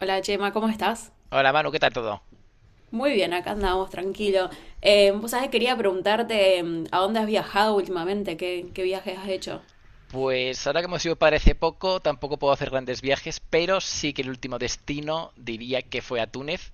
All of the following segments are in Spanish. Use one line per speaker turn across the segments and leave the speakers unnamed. Hola Chema, ¿cómo estás?
Hola Manu, ¿qué tal todo?
Muy bien, acá andamos, tranquilo. Vos sabés, quería preguntarte a dónde has viajado últimamente, qué viajes has hecho.
Pues ahora que hemos ido parece poco, tampoco puedo hacer grandes viajes, pero sí que el último destino diría que fue a Túnez.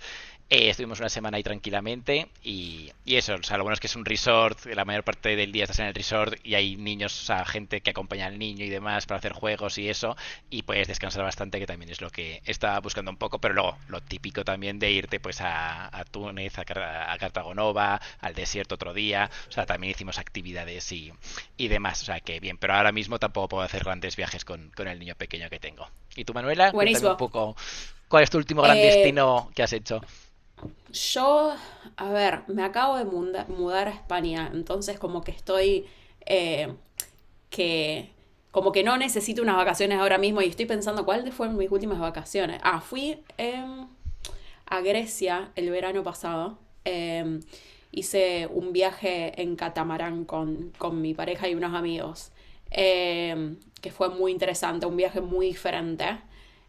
Estuvimos una semana ahí tranquilamente y eso, o sea, lo bueno es que es un resort, que la mayor parte del día estás en el resort y hay niños, o sea, gente que acompaña al niño y demás para hacer juegos y eso, y puedes descansar bastante, que también es lo que estaba buscando un poco, pero luego lo típico también de irte pues a Túnez, a Cartago Nova, al desierto otro día, o sea, también hicimos actividades y demás. O sea, que bien, pero ahora mismo tampoco puedo hacer grandes viajes con el niño pequeño que tengo. Y tú, Manuela, cuéntame un
Buenísimo.
poco cuál es tu último gran
Eh,
destino que has hecho. O
yo, a ver, me acabo de mudar a España, entonces como que eh, que, como que no necesito unas vacaciones ahora mismo y estoy pensando cuáles fueron mis últimas vacaciones. Ah, fui a Grecia el verano pasado. Eh, Hice un viaje en catamarán con mi pareja y unos amigos, eh, que fue muy interesante, un viaje muy diferente.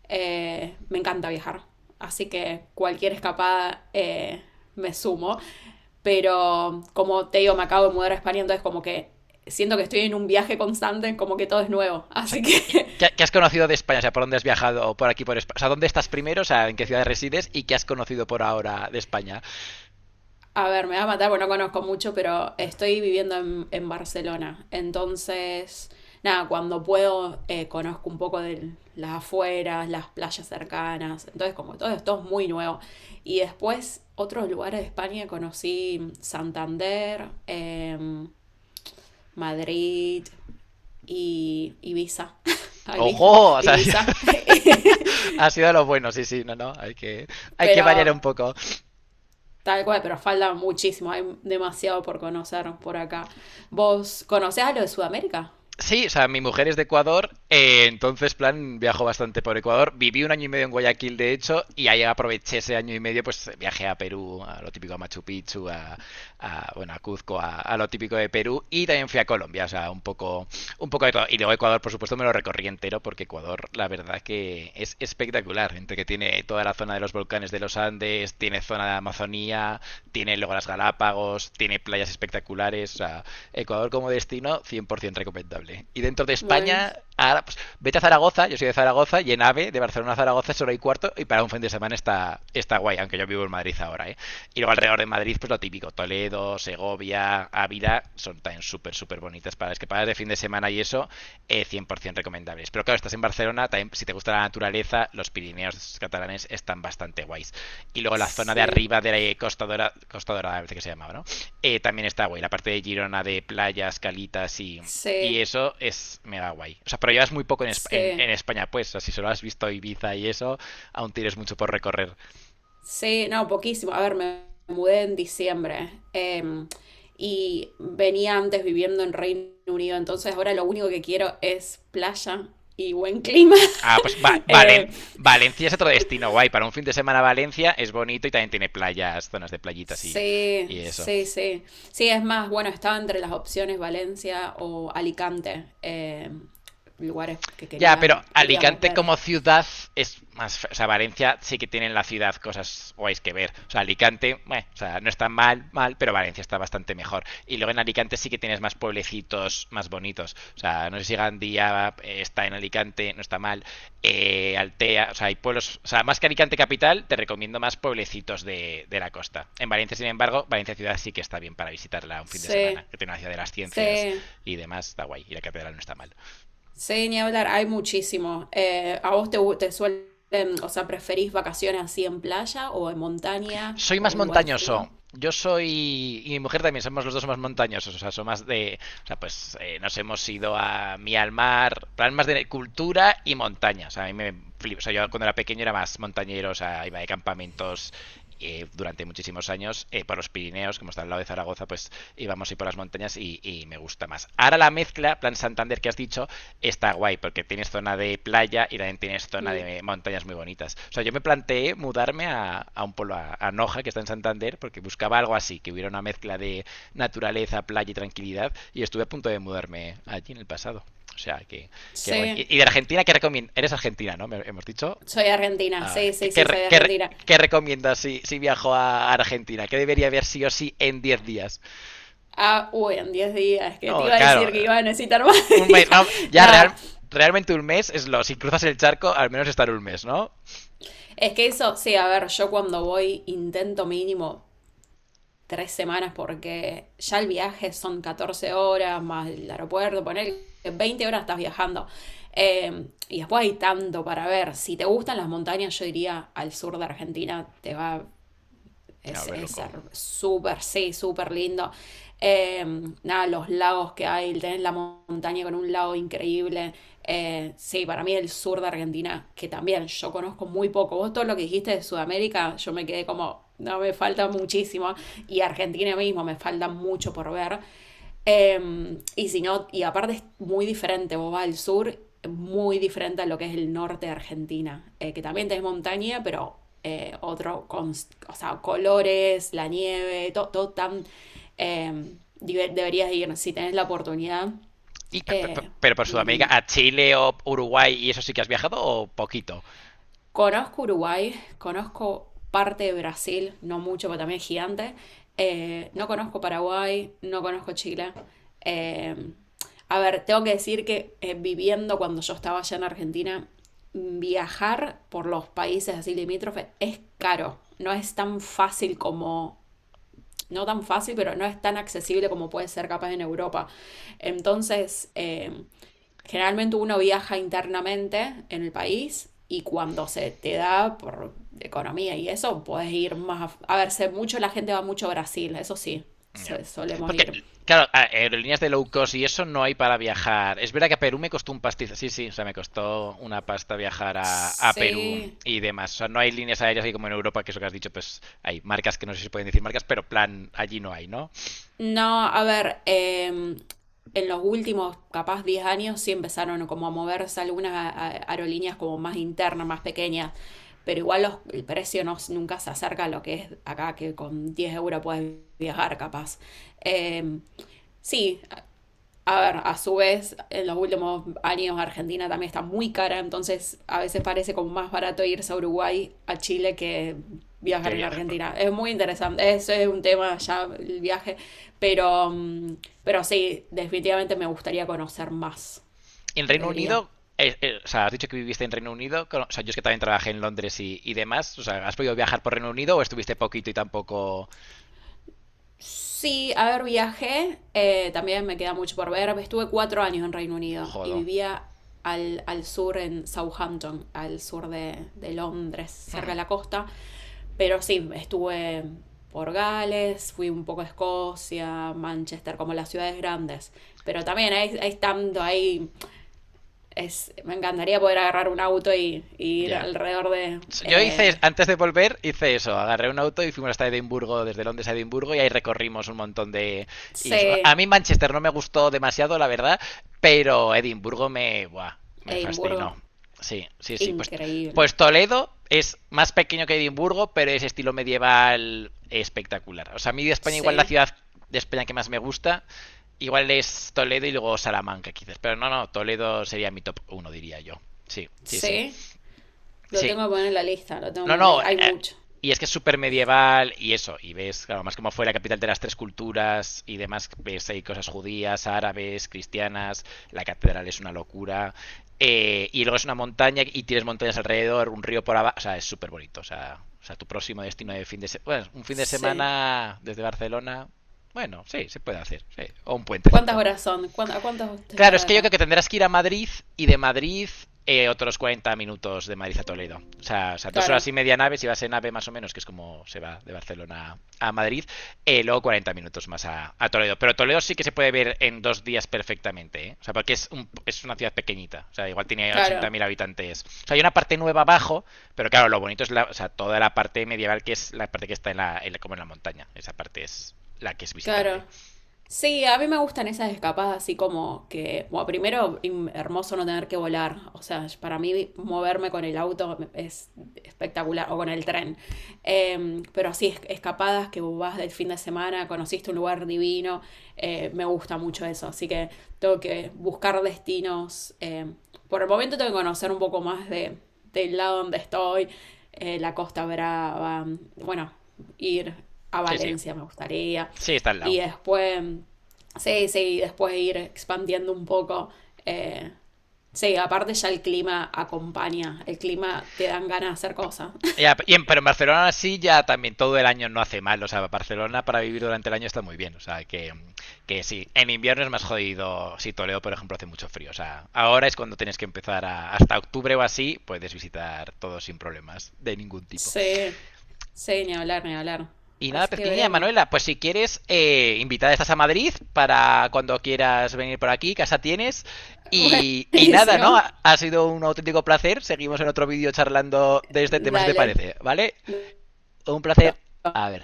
Me encanta viajar, así que cualquier escapada me sumo, pero como te digo, me acabo de mudar a España, entonces como que siento que estoy en un viaje constante, como que todo es nuevo,
sea,
así que
¿qué has conocido de España? O sea, ¿por dónde has viajado? ¿Por aquí, por España? O sea, ¿dónde estás primero? O sea, ¿en qué ciudad resides? ¿Y qué has conocido por ahora de España?
a ver, me va a matar, bueno no conozco mucho, pero estoy viviendo en Barcelona. Entonces, nada, cuando puedo, conozco un poco de las afueras, las playas cercanas. Entonces, como todo esto es muy nuevo. Y después, otros lugares de España conocí Santander, Madrid y Ibiza. Ah, Ibiza,
¡Ojo! O sea,
Ibiza.
ha sido lo bueno, sí, sí, no, no, hay que, hay que variar un
Pero
poco.
tal cual, pero falta muchísimo, hay demasiado por conocer por acá. ¿Vos conocés a lo de Sudamérica?
Sí, o sea, mi mujer es de Ecuador, entonces, plan, viajo bastante por Ecuador. Viví un año y medio en Guayaquil, de hecho, y ahí aproveché ese año y medio, pues viajé a Perú, a lo típico a Machu Picchu, a, bueno, a Cuzco, a lo típico de Perú, y también fui a Colombia, o sea, un poco de todo. Y luego Ecuador, por supuesto, me lo recorrí entero, porque Ecuador, la verdad que es espectacular. Entre que tiene toda la zona de los volcanes de los Andes, tiene zona de Amazonía, tiene luego las Galápagos, tiene playas espectaculares. O sea, Ecuador como destino, 100% recomendable. Y dentro de
Bueno,
España, ahora, pues, vete a Zaragoza, yo soy de Zaragoza, y en AVE, de Barcelona a Zaragoza, es hora y cuarto, y para un fin de semana está guay, aunque yo vivo en Madrid ahora, ¿eh? Y luego alrededor de Madrid, pues lo típico, Toledo, Segovia, Ávila, son también súper, súper bonitas para escapadas de fin de semana y eso, 100% recomendables. Pero claro, estás en Barcelona, también, si te gusta la naturaleza, los Pirineos catalanes están bastante guays. Y luego la zona de
sí,
arriba de la Costa Dorada, Costa Dorada me parece que se llamaba, ¿no? También está guay, la parte de Girona de playas, calitas y
sí,
eso es mega guay. O sea, pero llevas muy poco en, en-
sí,
en España, pues. O sea, si solo has visto Ibiza y eso, aún tienes mucho por recorrer.
sí, no, poquísimo. A ver, me mudé en diciembre, y venía antes viviendo en Reino Unido, entonces ahora lo único que quiero es playa y buen clima.
Ah, pues
Eh,
Valencia es otro destino guay. Para un fin de semana Valencia es bonito y también tiene playas, zonas de playitas y,
sí,
y eso.
sí, sí. Sí, es más, bueno, estaba entre las opciones Valencia o Alicante, lugares que
Ya, pero
queríamos
Alicante
ver.
como ciudad es más. O sea, Valencia sí que tiene en la ciudad cosas guays que ver. O sea, Alicante, bueno, o sea, no está mal, mal, pero Valencia está bastante mejor. Y luego en Alicante sí que tienes más pueblecitos más bonitos. O sea, no sé si Gandía, está en Alicante, no está mal. Altea, o sea, hay pueblos. O sea, más que Alicante capital, te recomiendo más pueblecitos de la costa. En Valencia, sin embargo, Valencia ciudad sí que está bien para visitarla un fin de
Sí,
semana, que tiene una ciudad de las ciencias
sí,
y demás, está guay. Y la catedral no está mal.
sí, ni hablar, hay muchísimo. ¿A vos te suelen, o sea, preferís vacaciones así en playa o en montaña
Soy más
o lugares fríos?
montañoso. Yo soy, y mi mujer también, somos los dos más montañosos, o sea, somos más de, o sea, pues, nos hemos ido a mí al mar, plan más de cultura y montaña, o sea, a mí me flipo, o sea, yo cuando era pequeño era más montañero, o sea, iba de campamentos, durante muchísimos años, por los Pirineos, como está al lado de Zaragoza, pues íbamos y por las montañas y me gusta más. Ahora la mezcla, plan Santander que has dicho, está guay guay, porque tienes zona de playa y también tienes zona
Mm,
de montañas muy bonitas. O sea, yo me planteé mudarme a un pueblo, a Noja, que está en Santander, porque buscaba algo así, que hubiera una mezcla de naturaleza, playa y tranquilidad, y estuve a punto de mudarme allí en el pasado. O sea, que guay.
sí,
Y de Argentina, ¿qué recomiendas? Eres argentina, ¿no? Hemos dicho.
soy argentina,
Ah,
sí, sí, sí, soy
qué
argentina.
qué recomiendas si viajo a Argentina? ¿Qué debería ver sí o sí en 10 días?
Ah, uy, en 10 días, que te
Oh,
iba a
claro.
decir que iba a necesitar más
Un mes,
días.
no. Ya, realmente un mes es lo. Si cruzas el charco, al menos estar un mes, ¿no?
Es que eso, sí, a ver, yo cuando voy intento mínimo 3 semanas porque ya el viaje son 14 horas más el aeropuerto, poner 20 horas estás viajando. Y después hay tanto para ver. Si te gustan las montañas, yo diría al sur de Argentina, te va
A
es
volver loco.
súper, sí, súper lindo. Eh, Nada, los lagos que hay, tenés la montaña con un lago increíble. Sí, para mí el sur de Argentina, que también yo conozco muy poco. Vos todo lo que dijiste de Sudamérica, yo me quedé como, no, me falta muchísimo. Y Argentina mismo, me falta mucho por ver. Y si no, y aparte es muy diferente, vos vas al sur muy diferente a lo que es el norte de Argentina, que también tenés montaña, pero o sea, colores, la nieve, todo, todo tan... eh, deberías ir, si tenés la oportunidad,
Y, per- per-
eh,
pero por
muy
Sudamérica,
lindo.
a Chile o Uruguay, ¿y eso sí que has viajado o poquito?
Conozco Uruguay, conozco parte de Brasil, no mucho, pero también es gigante. No conozco Paraguay, no conozco Chile. Eh, a ver, tengo que decir que viviendo cuando yo estaba allá en Argentina, viajar por los países así limítrofes es caro. No es tan fácil como, no tan fácil, pero no es tan accesible como puede ser capaz en Europa. Entonces, generalmente uno viaja internamente en el país y cuando se te da por economía y eso, puedes ir más... A, a ver, sé mucho, la gente va mucho a Brasil, eso sí,
No.
solemos
Porque,
ir.
claro, aerolíneas de low cost y eso no hay para viajar. Es verdad que a Perú me costó un pastiz. Sí, sí, o sea, me costó una pasta viajar a Perú
Sí.
y demás. O sea, no hay líneas aéreas así como en Europa, que es lo que has dicho, pues hay marcas que no sé si pueden decir marcas, pero plan, allí no hay, ¿no?
No, a ver, en los últimos, capaz 10 años, sí empezaron como a moverse algunas aerolíneas como más internas, más pequeñas, pero igual el precio no, nunca se acerca a lo que es acá, que con 10 euros puedes viajar capaz. Em, sí, a ver, a su vez, en los últimos años Argentina también está muy cara, entonces a veces parece como más barato irse a Uruguay, a Chile, que
Que
viajar en
viajar, pero
Argentina. Es muy interesante, eso es un tema ya, el viaje, pero, mm, pero sí, definitivamente me gustaría conocer más,
en Reino
debería.
Unido, o sea, has dicho que viviste en Reino Unido, o sea, yo es que también trabajé en Londres y demás, o sea, ¿has podido viajar por Reino Unido o estuviste poquito y tampoco...
Sí, a ver, viajé, también me queda mucho por ver. Estuve 4 años en Reino Unido y
Jodo.
vivía al sur, en Southampton, al sur de Londres, cerca de la costa. Pero sí, estuve por Gales, fui un poco a Escocia, Manchester, como las ciudades grandes. Pero también hay tanto, ahí es, me encantaría poder agarrar un auto y ir
Ya.
alrededor de
Yo hice, antes de volver, hice eso. Agarré un auto y fuimos hasta Edimburgo, desde Londres a Edimburgo, y ahí recorrimos un montón de. Y eso.
sí,
A mí Manchester no me gustó demasiado, la verdad, pero Edimburgo me. Buah, me
Edimburgo.
fascinó. Sí, sí, sí. Pues,
Increíble.
pues Toledo es más pequeño que Edimburgo, pero es estilo medieval espectacular. O sea, a mí de España, igual la
Sí,
ciudad de España que más me gusta, igual es Toledo y luego Salamanca, quizás. Pero no, no, Toledo sería mi top uno diría yo. Sí, sí, sí.
sí. Lo
Sí,
tengo que poner en la lista, lo tengo que
no,
poner en la
no. eh,
lista. Hay mucho.
y es que es súper medieval y eso. Y ves, claro, más como fue la capital de las tres culturas y demás. Ves ahí cosas judías, árabes, cristianas. La catedral es una locura. Y luego es una montaña y tienes montañas alrededor, un río por abajo. O sea, es súper bonito. O sea, tu próximo destino de fin de semana. Bueno, un fin de
Sí.
semana desde Barcelona. Bueno, sí, se puede hacer. Sí, o un
¿Cuántas
puentecito.
horas son? ¿Cuán- ¿A cuántas
Claro,
estará
es
de
que yo
acá?
creo que tendrás que ir a Madrid y de Madrid, otros 40 minutos de Madrid a Toledo. O sea, dos
Claro,
horas y media nave, si vas en nave más o menos, que es como se va de Barcelona a Madrid, luego 40 minutos más a, a Toledo. Pero Toledo sí que se puede ver en 2 días perfectamente, ¿eh? O sea, porque es una ciudad pequeñita. O sea, igual tiene ochenta
claro,
mil habitantes. O sea, hay una parte nueva abajo, pero claro, lo bonito es la, o sea, toda la parte medieval, que es la parte que está en la, como en la montaña. Esa parte es la que es
claro.
visitable.
Sí, a mí me gustan esas escapadas así como que, bueno, primero, im- hermoso no tener que volar. O sea, para mí moverme con el auto es espectacular, o con el tren. Pero así, escapadas que vas del fin de semana, conociste un lugar divino, me gusta mucho eso. Así que tengo que buscar destinos. Por el momento tengo que conocer un poco más de, del lado donde estoy, la Costa Brava, bueno, ir a
Sí, sí.
Valencia me gustaría.
Sí, está al lado.
Y después, sí, sí, después ir expandiendo un poco. eh, sí, aparte ya el clima acompaña, el clima te dan ganas de hacer cosas.
Ya, pero en Barcelona sí ya también todo el año no hace mal. O sea, Barcelona para vivir durante el año está muy bien. O sea, que sí, en invierno es más jodido. Si Toledo, por ejemplo, hace mucho frío. O sea, ahora es cuando tienes que empezar a, hasta octubre o así, puedes visitar todo sin problemas de ningún tipo.
Sí, sí, ni hablar, ni hablar.
Y nada,
Así que
pequeñilla
veremos.
Manuela, pues si quieres, invitada estás a Madrid para cuando quieras venir por aquí, casa tienes. Y, y nada, ¿no?
Buenísimo.
Ha sido un auténtico placer. Seguimos en otro vídeo charlando de este tema, si te
Dale.
parece, ¿vale? Un placer. A ver,